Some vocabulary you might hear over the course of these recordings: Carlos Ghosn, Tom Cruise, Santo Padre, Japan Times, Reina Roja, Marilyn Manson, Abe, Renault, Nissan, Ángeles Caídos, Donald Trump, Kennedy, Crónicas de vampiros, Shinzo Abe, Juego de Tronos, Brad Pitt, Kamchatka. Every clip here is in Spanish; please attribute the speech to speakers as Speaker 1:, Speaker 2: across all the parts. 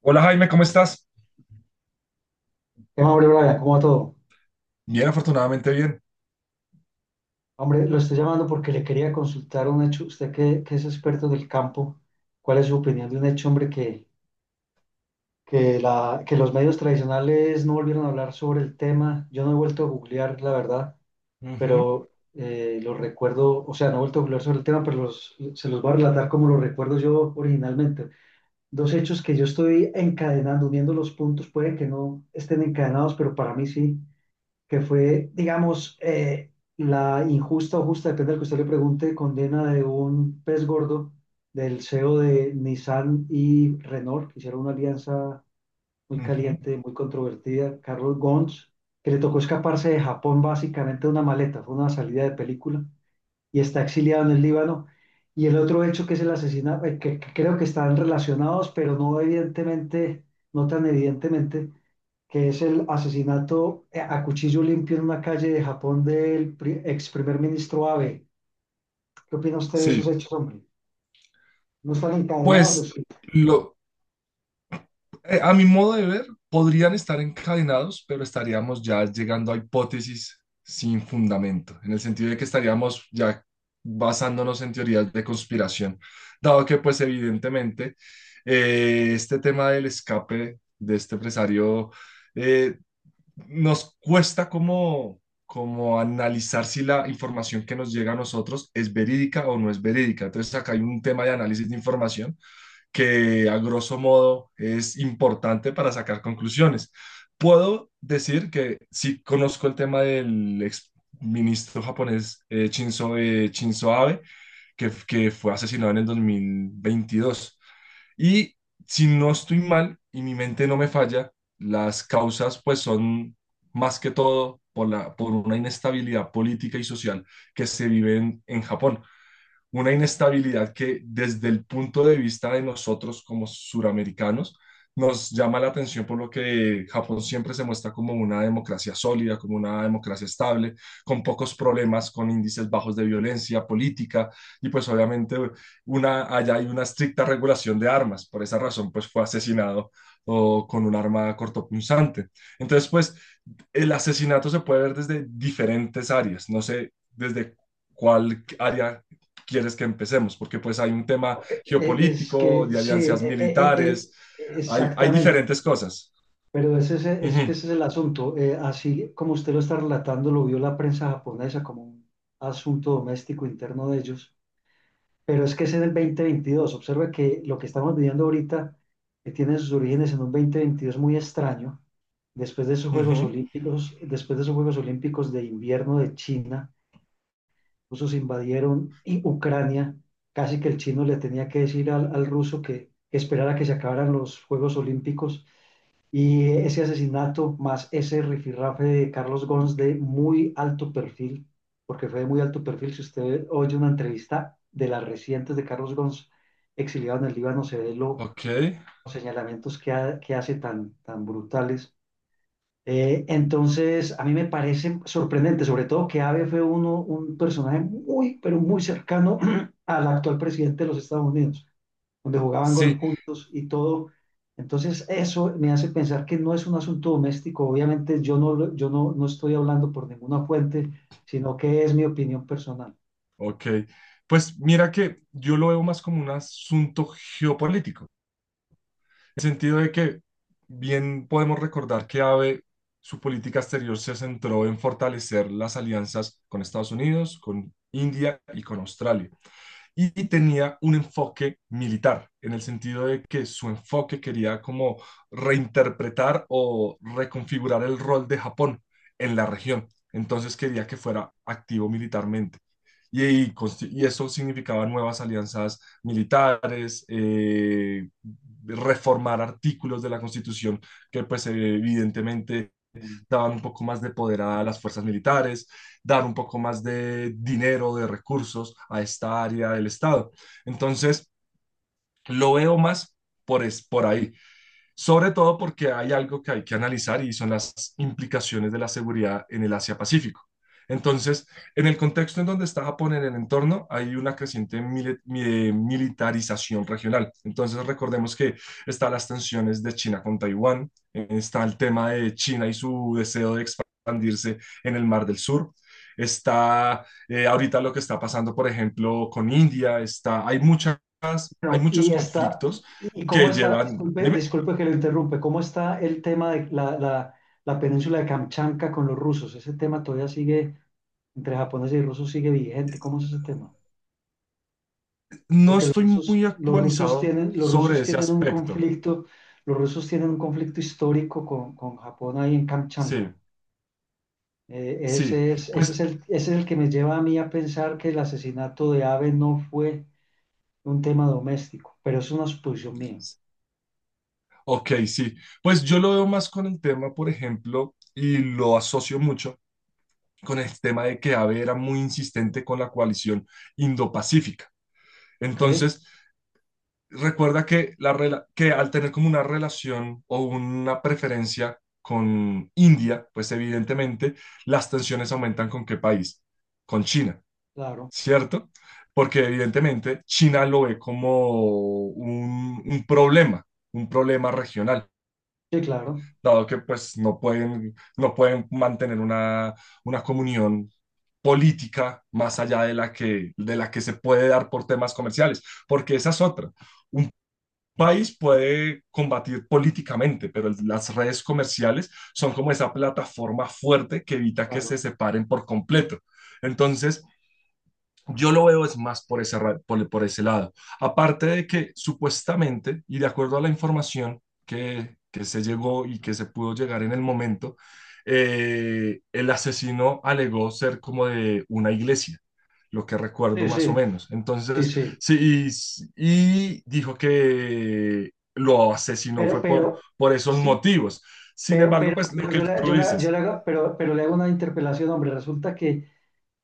Speaker 1: Hola Jaime, ¿cómo estás?
Speaker 2: Hombre, Brian, ¿cómo va todo?
Speaker 1: Bien, afortunadamente bien.
Speaker 2: Hombre, lo estoy llamando porque le quería consultar un hecho. Usted que es experto del campo, ¿cuál es su opinión de un hecho, hombre, que los medios tradicionales no volvieron a hablar sobre el tema? Yo no he vuelto a googlear, la verdad,
Speaker 1: Ujú,
Speaker 2: pero lo recuerdo, o sea, no he vuelto a googlear sobre el tema, pero se los voy a relatar como lo recuerdo yo originalmente. Dos hechos que yo estoy encadenando, uniendo los puntos, puede que no estén encadenados, pero para mí sí. Que fue, digamos, la injusta o justa, depende del que usted le pregunte, condena de un pez gordo, del CEO de Nissan y Renault, que hicieron una alianza muy
Speaker 1: ujú.
Speaker 2: caliente, muy controvertida, Carlos Ghosn, que le tocó escaparse de Japón básicamente de una maleta, fue una salida de película, y está exiliado en el Líbano. Y el otro hecho que es el asesinato, que creo que están relacionados, pero no evidentemente, no tan evidentemente, que es el asesinato a cuchillo limpio en una calle de Japón del ex primer ministro Abe. ¿Qué opina usted de esos
Speaker 1: Sí,
Speaker 2: hechos, hombre? ¿No están encadenados?
Speaker 1: pues
Speaker 2: Es,
Speaker 1: lo, a mi modo de ver, podrían estar encadenados, pero estaríamos ya llegando a hipótesis sin fundamento, en el sentido de que estaríamos ya basándonos en teorías de conspiración, dado que pues evidentemente este tema del escape de este empresario eh, nos cuesta como, como analizar si la información que nos llega a nosotros es verídica o no es verídica. Entonces acá hay un tema de análisis de información que a grosso modo es importante para sacar conclusiones. Puedo decir que sí conozco el tema del ex ministro japonés Shinzo, Shinzo Abe, que fue asesinado en el 2022. Y si no estoy mal y mi mente no me falla, las causas pues son más que todo por la, por una inestabilidad política y social que se vive en Japón, una inestabilidad que desde el punto de vista de nosotros como suramericanos nos llama la atención por lo que Japón siempre se muestra como una democracia sólida, como una democracia estable, con pocos problemas, con índices bajos de violencia política y pues obviamente una, allá hay una estricta regulación de armas. Por esa razón pues fue asesinado o con un arma cortopunzante. Entonces, pues el asesinato se puede ver desde diferentes áreas. No sé desde cuál área quieres que empecemos, porque pues hay un tema
Speaker 2: es
Speaker 1: geopolítico,
Speaker 2: que
Speaker 1: de
Speaker 2: sí,
Speaker 1: alianzas
Speaker 2: eh, eh, eh,
Speaker 1: militares, hay
Speaker 2: exactamente.
Speaker 1: diferentes cosas.
Speaker 2: Pero es que
Speaker 1: Ujú,
Speaker 2: ese es el asunto. Así como usted lo está relatando, lo vio la prensa japonesa como un asunto doméstico interno de ellos. Pero es que ese es el 2022. Observa que lo que estamos viviendo ahorita tiene sus orígenes en un 2022 muy extraño. Después de esos Juegos
Speaker 1: ujú,
Speaker 2: Olímpicos, después de esos Juegos Olímpicos de invierno de China, los rusos invadieron y Ucrania. Casi que el chino le tenía que decir al ruso que esperara que se acabaran los Juegos Olímpicos, y ese asesinato más ese rifirrafe de Carlos Gons de muy alto perfil, porque fue de muy alto perfil, si usted oye una entrevista de las recientes de Carlos Gons exiliado en el Líbano, se ve
Speaker 1: ok,
Speaker 2: los señalamientos que hace tan, tan brutales. Entonces, a mí me parece sorprendente, sobre todo que Abe fue un personaje muy, pero muy cercano al actual presidente de los Estados Unidos, donde jugaban golf
Speaker 1: sí,
Speaker 2: juntos y todo. Entonces, eso me hace pensar que no es un asunto doméstico. Obviamente, yo no estoy hablando por ninguna fuente, sino que es mi opinión personal.
Speaker 1: ok. Pues mira que yo lo veo más como un asunto geopolítico. El sentido de que bien podemos recordar que Abe, su política exterior se centró en fortalecer las alianzas con Estados Unidos, con India y con Australia, y tenía un enfoque militar, en el sentido de que su enfoque quería como reinterpretar o reconfigurar el rol de Japón en la región. Entonces quería que fuera activo militarmente. Y, y, y eso significaba nuevas alianzas militares, reformar artículos de la Constitución que pues evidentemente daban un poco más de poder a las fuerzas militares, dar un poco más de dinero, de recursos a esta área del Estado. Entonces, lo veo más por, es, por ahí, sobre todo porque hay algo que hay que analizar y son las implicaciones de la seguridad en el Asia-Pacífico. Entonces, en el contexto en donde está Japón en el entorno, hay una creciente militarización regional. Entonces, recordemos que están las tensiones de China con Taiwán, está el tema de China y su deseo de expandirse en el Mar del Sur, está ahorita lo que está pasando, por ejemplo, con India, está, hay muchas, hay
Speaker 2: Bueno,
Speaker 1: muchos
Speaker 2: y está, y,
Speaker 1: conflictos
Speaker 2: y cómo
Speaker 1: que
Speaker 2: está,
Speaker 1: llevan,
Speaker 2: disculpe,
Speaker 1: dime.
Speaker 2: disculpe que lo interrumpe, ¿cómo está el tema de la península de Kamchatka con los rusos? Ese tema todavía sigue, entre japoneses y rusos, sigue vigente. ¿Cómo es ese tema?
Speaker 1: No
Speaker 2: Porque
Speaker 1: estoy muy actualizado
Speaker 2: los
Speaker 1: sobre
Speaker 2: rusos
Speaker 1: ese
Speaker 2: tienen un
Speaker 1: aspecto.
Speaker 2: conflicto, los rusos tienen un conflicto histórico con Japón ahí en
Speaker 1: Sí,
Speaker 2: Kamchatka.
Speaker 1: sí. Pues,
Speaker 2: Ese es el que me lleva a mí a pensar que el asesinato de Abe no fue un tema doméstico, pero es una suposición mía,
Speaker 1: ok, sí. Pues yo lo veo más con el tema, por ejemplo, y lo asocio mucho con el tema de que Abe era muy insistente con la coalición indopacífica.
Speaker 2: ¿ok?
Speaker 1: Entonces, recuerda que, la, rela- que al tener como una relación o una preferencia con India, pues evidentemente las tensiones aumentan con ¿qué país? Con China.
Speaker 2: Claro,
Speaker 1: ¿Cierto? Porque evidentemente China lo ve como un, un problema, un problema regional,
Speaker 2: sí, claro,
Speaker 1: dado que pues no pueden mantener una comunión política más allá de la que se puede dar por temas comerciales, porque esa es otra. Un país puede combatir políticamente, pero el- las redes comerciales son como esa plataforma fuerte que evita que
Speaker 2: claro.
Speaker 1: se separen por completo. Entonces, yo lo veo es más por ese, ra- por ese lado. Aparte de que supuestamente, y de acuerdo a la información que se llegó y que se pudo llegar en el momento, el asesino alegó ser como de una iglesia, lo que
Speaker 2: Sí,
Speaker 1: recuerdo más o
Speaker 2: sí,
Speaker 1: menos.
Speaker 2: sí,
Speaker 1: Entonces,
Speaker 2: sí.
Speaker 1: sí, y dijo que lo asesinó
Speaker 2: Pero,
Speaker 1: fue
Speaker 2: pero,
Speaker 1: por esos
Speaker 2: sí,
Speaker 1: motivos. Sin
Speaker 2: pero,
Speaker 1: embargo,
Speaker 2: pero,
Speaker 1: pues lo
Speaker 2: pero
Speaker 1: que
Speaker 2: yo le,
Speaker 1: tú
Speaker 2: yo le- yo le
Speaker 1: dices.
Speaker 2: hago, pero le hago una interpelación, hombre, resulta que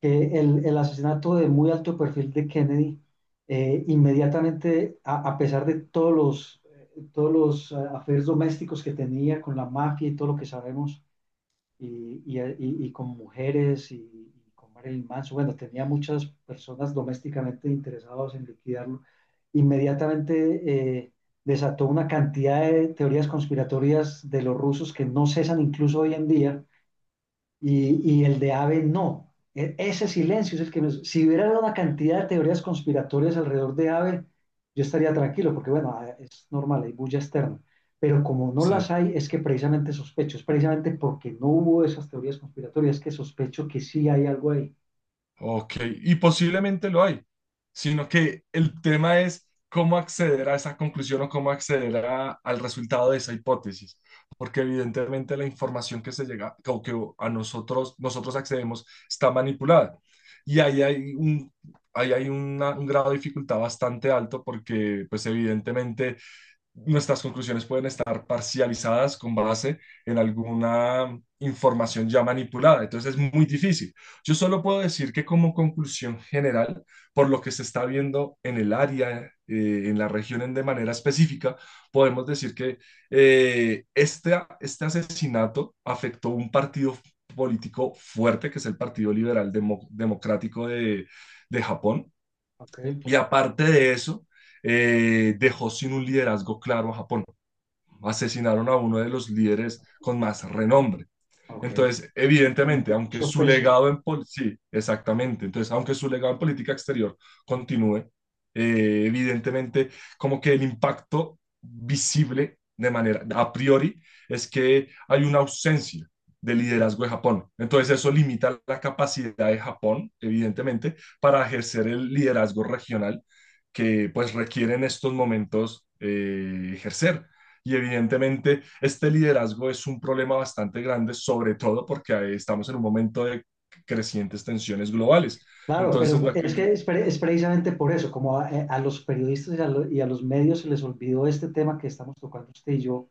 Speaker 2: el asesinato de muy alto perfil de Kennedy, inmediatamente, a pesar de todos los affairs domésticos que tenía con la mafia y todo lo que sabemos, y con mujeres y con Marilyn Manson, bueno, tenía muchas personas domésticamente interesadas en liquidarlo, inmediatamente desató una cantidad de teorías conspiratorias de los rusos que no cesan incluso hoy en día, y el de Abe no. Ese silencio es el que me... Si hubiera una cantidad de teorías conspiratorias alrededor de Abe, yo estaría tranquilo, porque bueno, es normal, hay bulla externa. Pero como no
Speaker 1: Sí.
Speaker 2: las hay, es que precisamente sospecho, es precisamente porque no hubo esas teorías conspiratorias que sospecho que sí hay algo ahí.
Speaker 1: Ok, y posiblemente lo hay, sino que el tema es cómo acceder a esa conclusión o cómo acceder a- al resultado de esa hipótesis, porque evidentemente la información que se llega o que a nosotros accedemos está manipulada y ahí hay un, ahí hay una- un grado de dificultad bastante alto porque pues evidentemente nuestras conclusiones pueden estar parcializadas con base en alguna información ya manipulada. Entonces es muy difícil. Yo solo puedo decir que como conclusión general, por lo que se está viendo en el área, en la región en- de manera específica, podemos decir que este, este asesinato afectó un partido político fuerte, que es el Partido Liberal Demo- Democrático de Japón.
Speaker 2: Ok.
Speaker 1: Y aparte de eso, dejó sin un liderazgo claro a Japón, asesinaron a uno de los líderes con más renombre.
Speaker 2: Ok,
Speaker 1: Entonces,
Speaker 2: con
Speaker 1: evidentemente, aunque
Speaker 2: mucho
Speaker 1: su
Speaker 2: peso.
Speaker 1: legado en pol- sí, exactamente. Entonces, aunque su legado en política exterior continúe, evidentemente, como que el impacto visible de manera a priori es que hay una ausencia de liderazgo de
Speaker 2: Cierto,
Speaker 1: Japón. Entonces,
Speaker 2: es
Speaker 1: eso
Speaker 2: cierto.
Speaker 1: limita la capacidad de Japón, evidentemente, para ejercer el liderazgo regional que pues requiere en estos momentos ejercer. Y evidentemente este liderazgo es un problema bastante grande, sobre todo porque estamos en un momento de crecientes tensiones globales.
Speaker 2: Claro,
Speaker 1: Entonces,
Speaker 2: pero
Speaker 1: la que...
Speaker 2: es que es precisamente por eso, como a los periodistas y a, y a los medios se les olvidó este tema que estamos tocando usted y yo,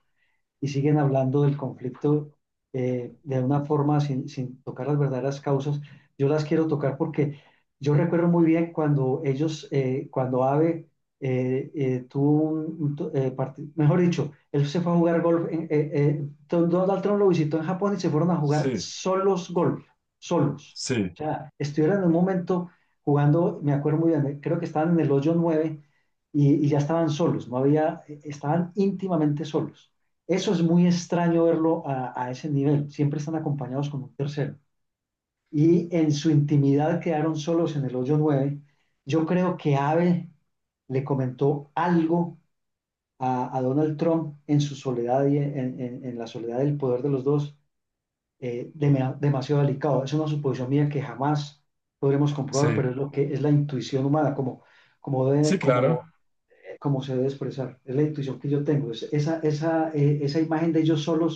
Speaker 2: y siguen hablando del conflicto, de una forma sin, sin tocar las verdaderas causas. Yo las quiero tocar porque yo recuerdo muy bien cuando ellos, cuando AVE tuvo un to- parti- mejor dicho, él se fue a jugar golf, Donald Trump lo visitó en Japón y se fueron a jugar
Speaker 1: Sí,
Speaker 2: solos golf, solos. O
Speaker 1: sí,
Speaker 2: sea, estuvieron en un momento jugando, me acuerdo muy bien, creo que estaban en el hoyo 9, y ya estaban solos, no había, estaban íntimamente solos. Eso es muy extraño verlo a ese nivel. Siempre están acompañados con un tercero. Y en su intimidad quedaron solos en el hoyo nueve. Yo creo que Abe le comentó algo a Donald Trump en su soledad y en la soledad del poder de los dos, demasiado delicado. Es una suposición mía que jamás podremos comprobar,
Speaker 1: sí,
Speaker 2: pero es lo que es la intuición humana, como,
Speaker 1: sí,
Speaker 2: debe- como,
Speaker 1: claro.
Speaker 2: como se debe expresar. Es la intuición que yo tengo. Esa imagen de ellos solos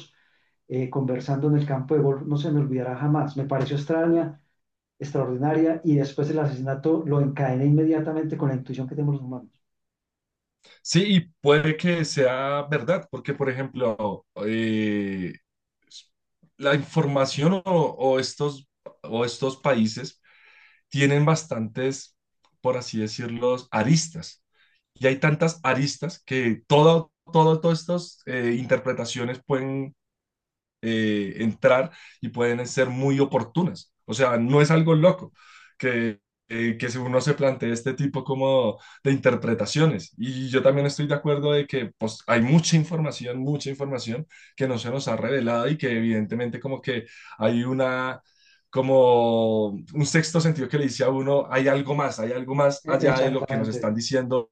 Speaker 2: conversando en el campo de golf no se me olvidará jamás. Me pareció extraña, extraordinaria, y después el asesinato lo encadené inmediatamente con la intuición que tenemos los humanos.
Speaker 1: Sí, y puede que sea verdad, porque, por ejemplo, la información o estos países tienen bastantes, por así decirlo, aristas. Y hay tantas aristas que todo, todo, todas estas interpretaciones pueden entrar y pueden ser muy oportunas. O sea, no es algo loco que, que si uno se plantea este tipo como de interpretaciones. Y yo también estoy de acuerdo de que pues, hay mucha información que no se nos ha revelado y que evidentemente como que hay una, como un sexto sentido que le dice a uno, hay algo más allá de lo que nos
Speaker 2: Exactamente.
Speaker 1: están diciendo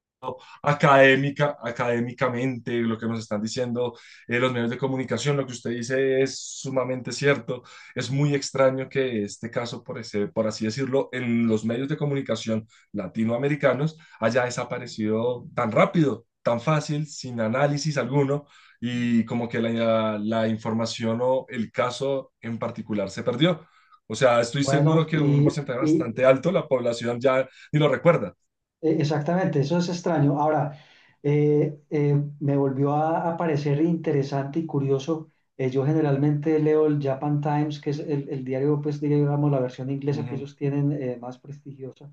Speaker 1: académica, académicamente, lo que nos están diciendo los medios de comunicación, lo que usted dice es sumamente cierto. Es muy extraño que este caso, por, ese- por así decirlo, en los medios de comunicación latinoamericanos haya desaparecido tan rápido, tan fácil, sin análisis alguno, y como que la información o el caso en particular se perdió. O sea, estoy seguro
Speaker 2: Bueno,
Speaker 1: que un
Speaker 2: y,
Speaker 1: porcentaje
Speaker 2: y,
Speaker 1: bastante alto la población ya ni lo recuerda.
Speaker 2: exactamente, eso es extraño. Ahora, me volvió a parecer interesante y curioso. Yo generalmente leo el Japan Times, que es el diario, pues digamos, la versión inglesa que
Speaker 1: Ujú.
Speaker 2: ellos tienen más prestigiosa.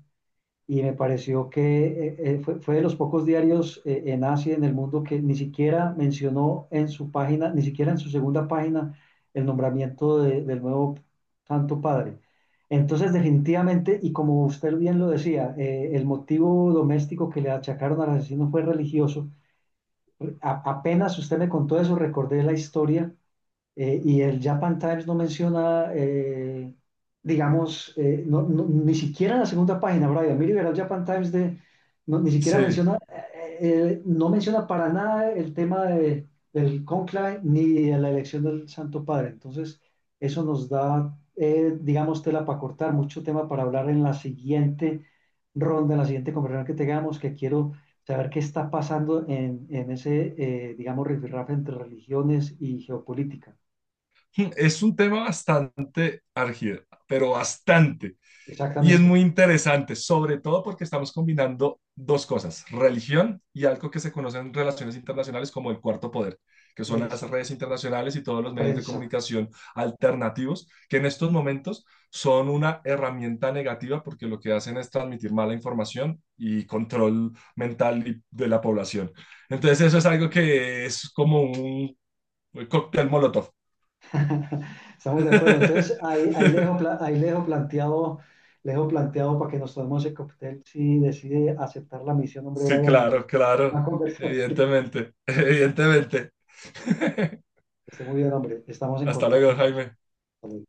Speaker 2: Y me pareció que fue de los pocos diarios en Asia y en el mundo que ni siquiera mencionó en su página, ni siquiera en su segunda página, el nombramiento del nuevo Santo Padre. Entonces, definitivamente, y como usted bien lo decía, el motivo doméstico que le achacaron al asesino fue religioso. Apenas usted me contó eso, recordé la historia, y el Japan Times no menciona, ni siquiera en la segunda página, Brian. Mire, verá el Japan Times de, no, ni siquiera
Speaker 1: Sí.
Speaker 2: menciona, no menciona para nada el tema de, del conclave ni de la elección del Santo Padre. Entonces, eso nos da, digamos, tela para cortar, mucho tema para hablar en la siguiente ronda, en la siguiente conversación que tengamos, que quiero saber qué está pasando en ese, digamos, rifirrafe entre religiones y geopolítica.
Speaker 1: Es un tema bastante argido, pero bastante. Y es
Speaker 2: Exactamente,
Speaker 1: muy interesante, sobre todo porque estamos combinando dos cosas, religión y algo que se conoce en relaciones internacionales como el cuarto poder, que son las redes
Speaker 2: exactamente.
Speaker 1: internacionales y todos los
Speaker 2: La
Speaker 1: medios de
Speaker 2: prensa,
Speaker 1: comunicación alternativos, que en estos momentos son una herramienta negativa porque lo que hacen es transmitir mala información y control mental y- de la población. Entonces eso es algo
Speaker 2: exactamente.
Speaker 1: que es como un cóctel molotov.
Speaker 2: Estamos de acuerdo. Entonces, ahí le dejo, ahí le dejo planteado para que nos tomemos el cóctel si decide aceptar la misión, hombre,
Speaker 1: Sí,
Speaker 2: Brian, en nuestra
Speaker 1: claro, claro,
Speaker 2: próxima conversación.
Speaker 1: evidentemente, evidentemente.
Speaker 2: Que esté muy bien, hombre. Estamos en
Speaker 1: Hasta
Speaker 2: contacto
Speaker 1: luego,
Speaker 2: entonces.
Speaker 1: Jaime.
Speaker 2: Hasta luego.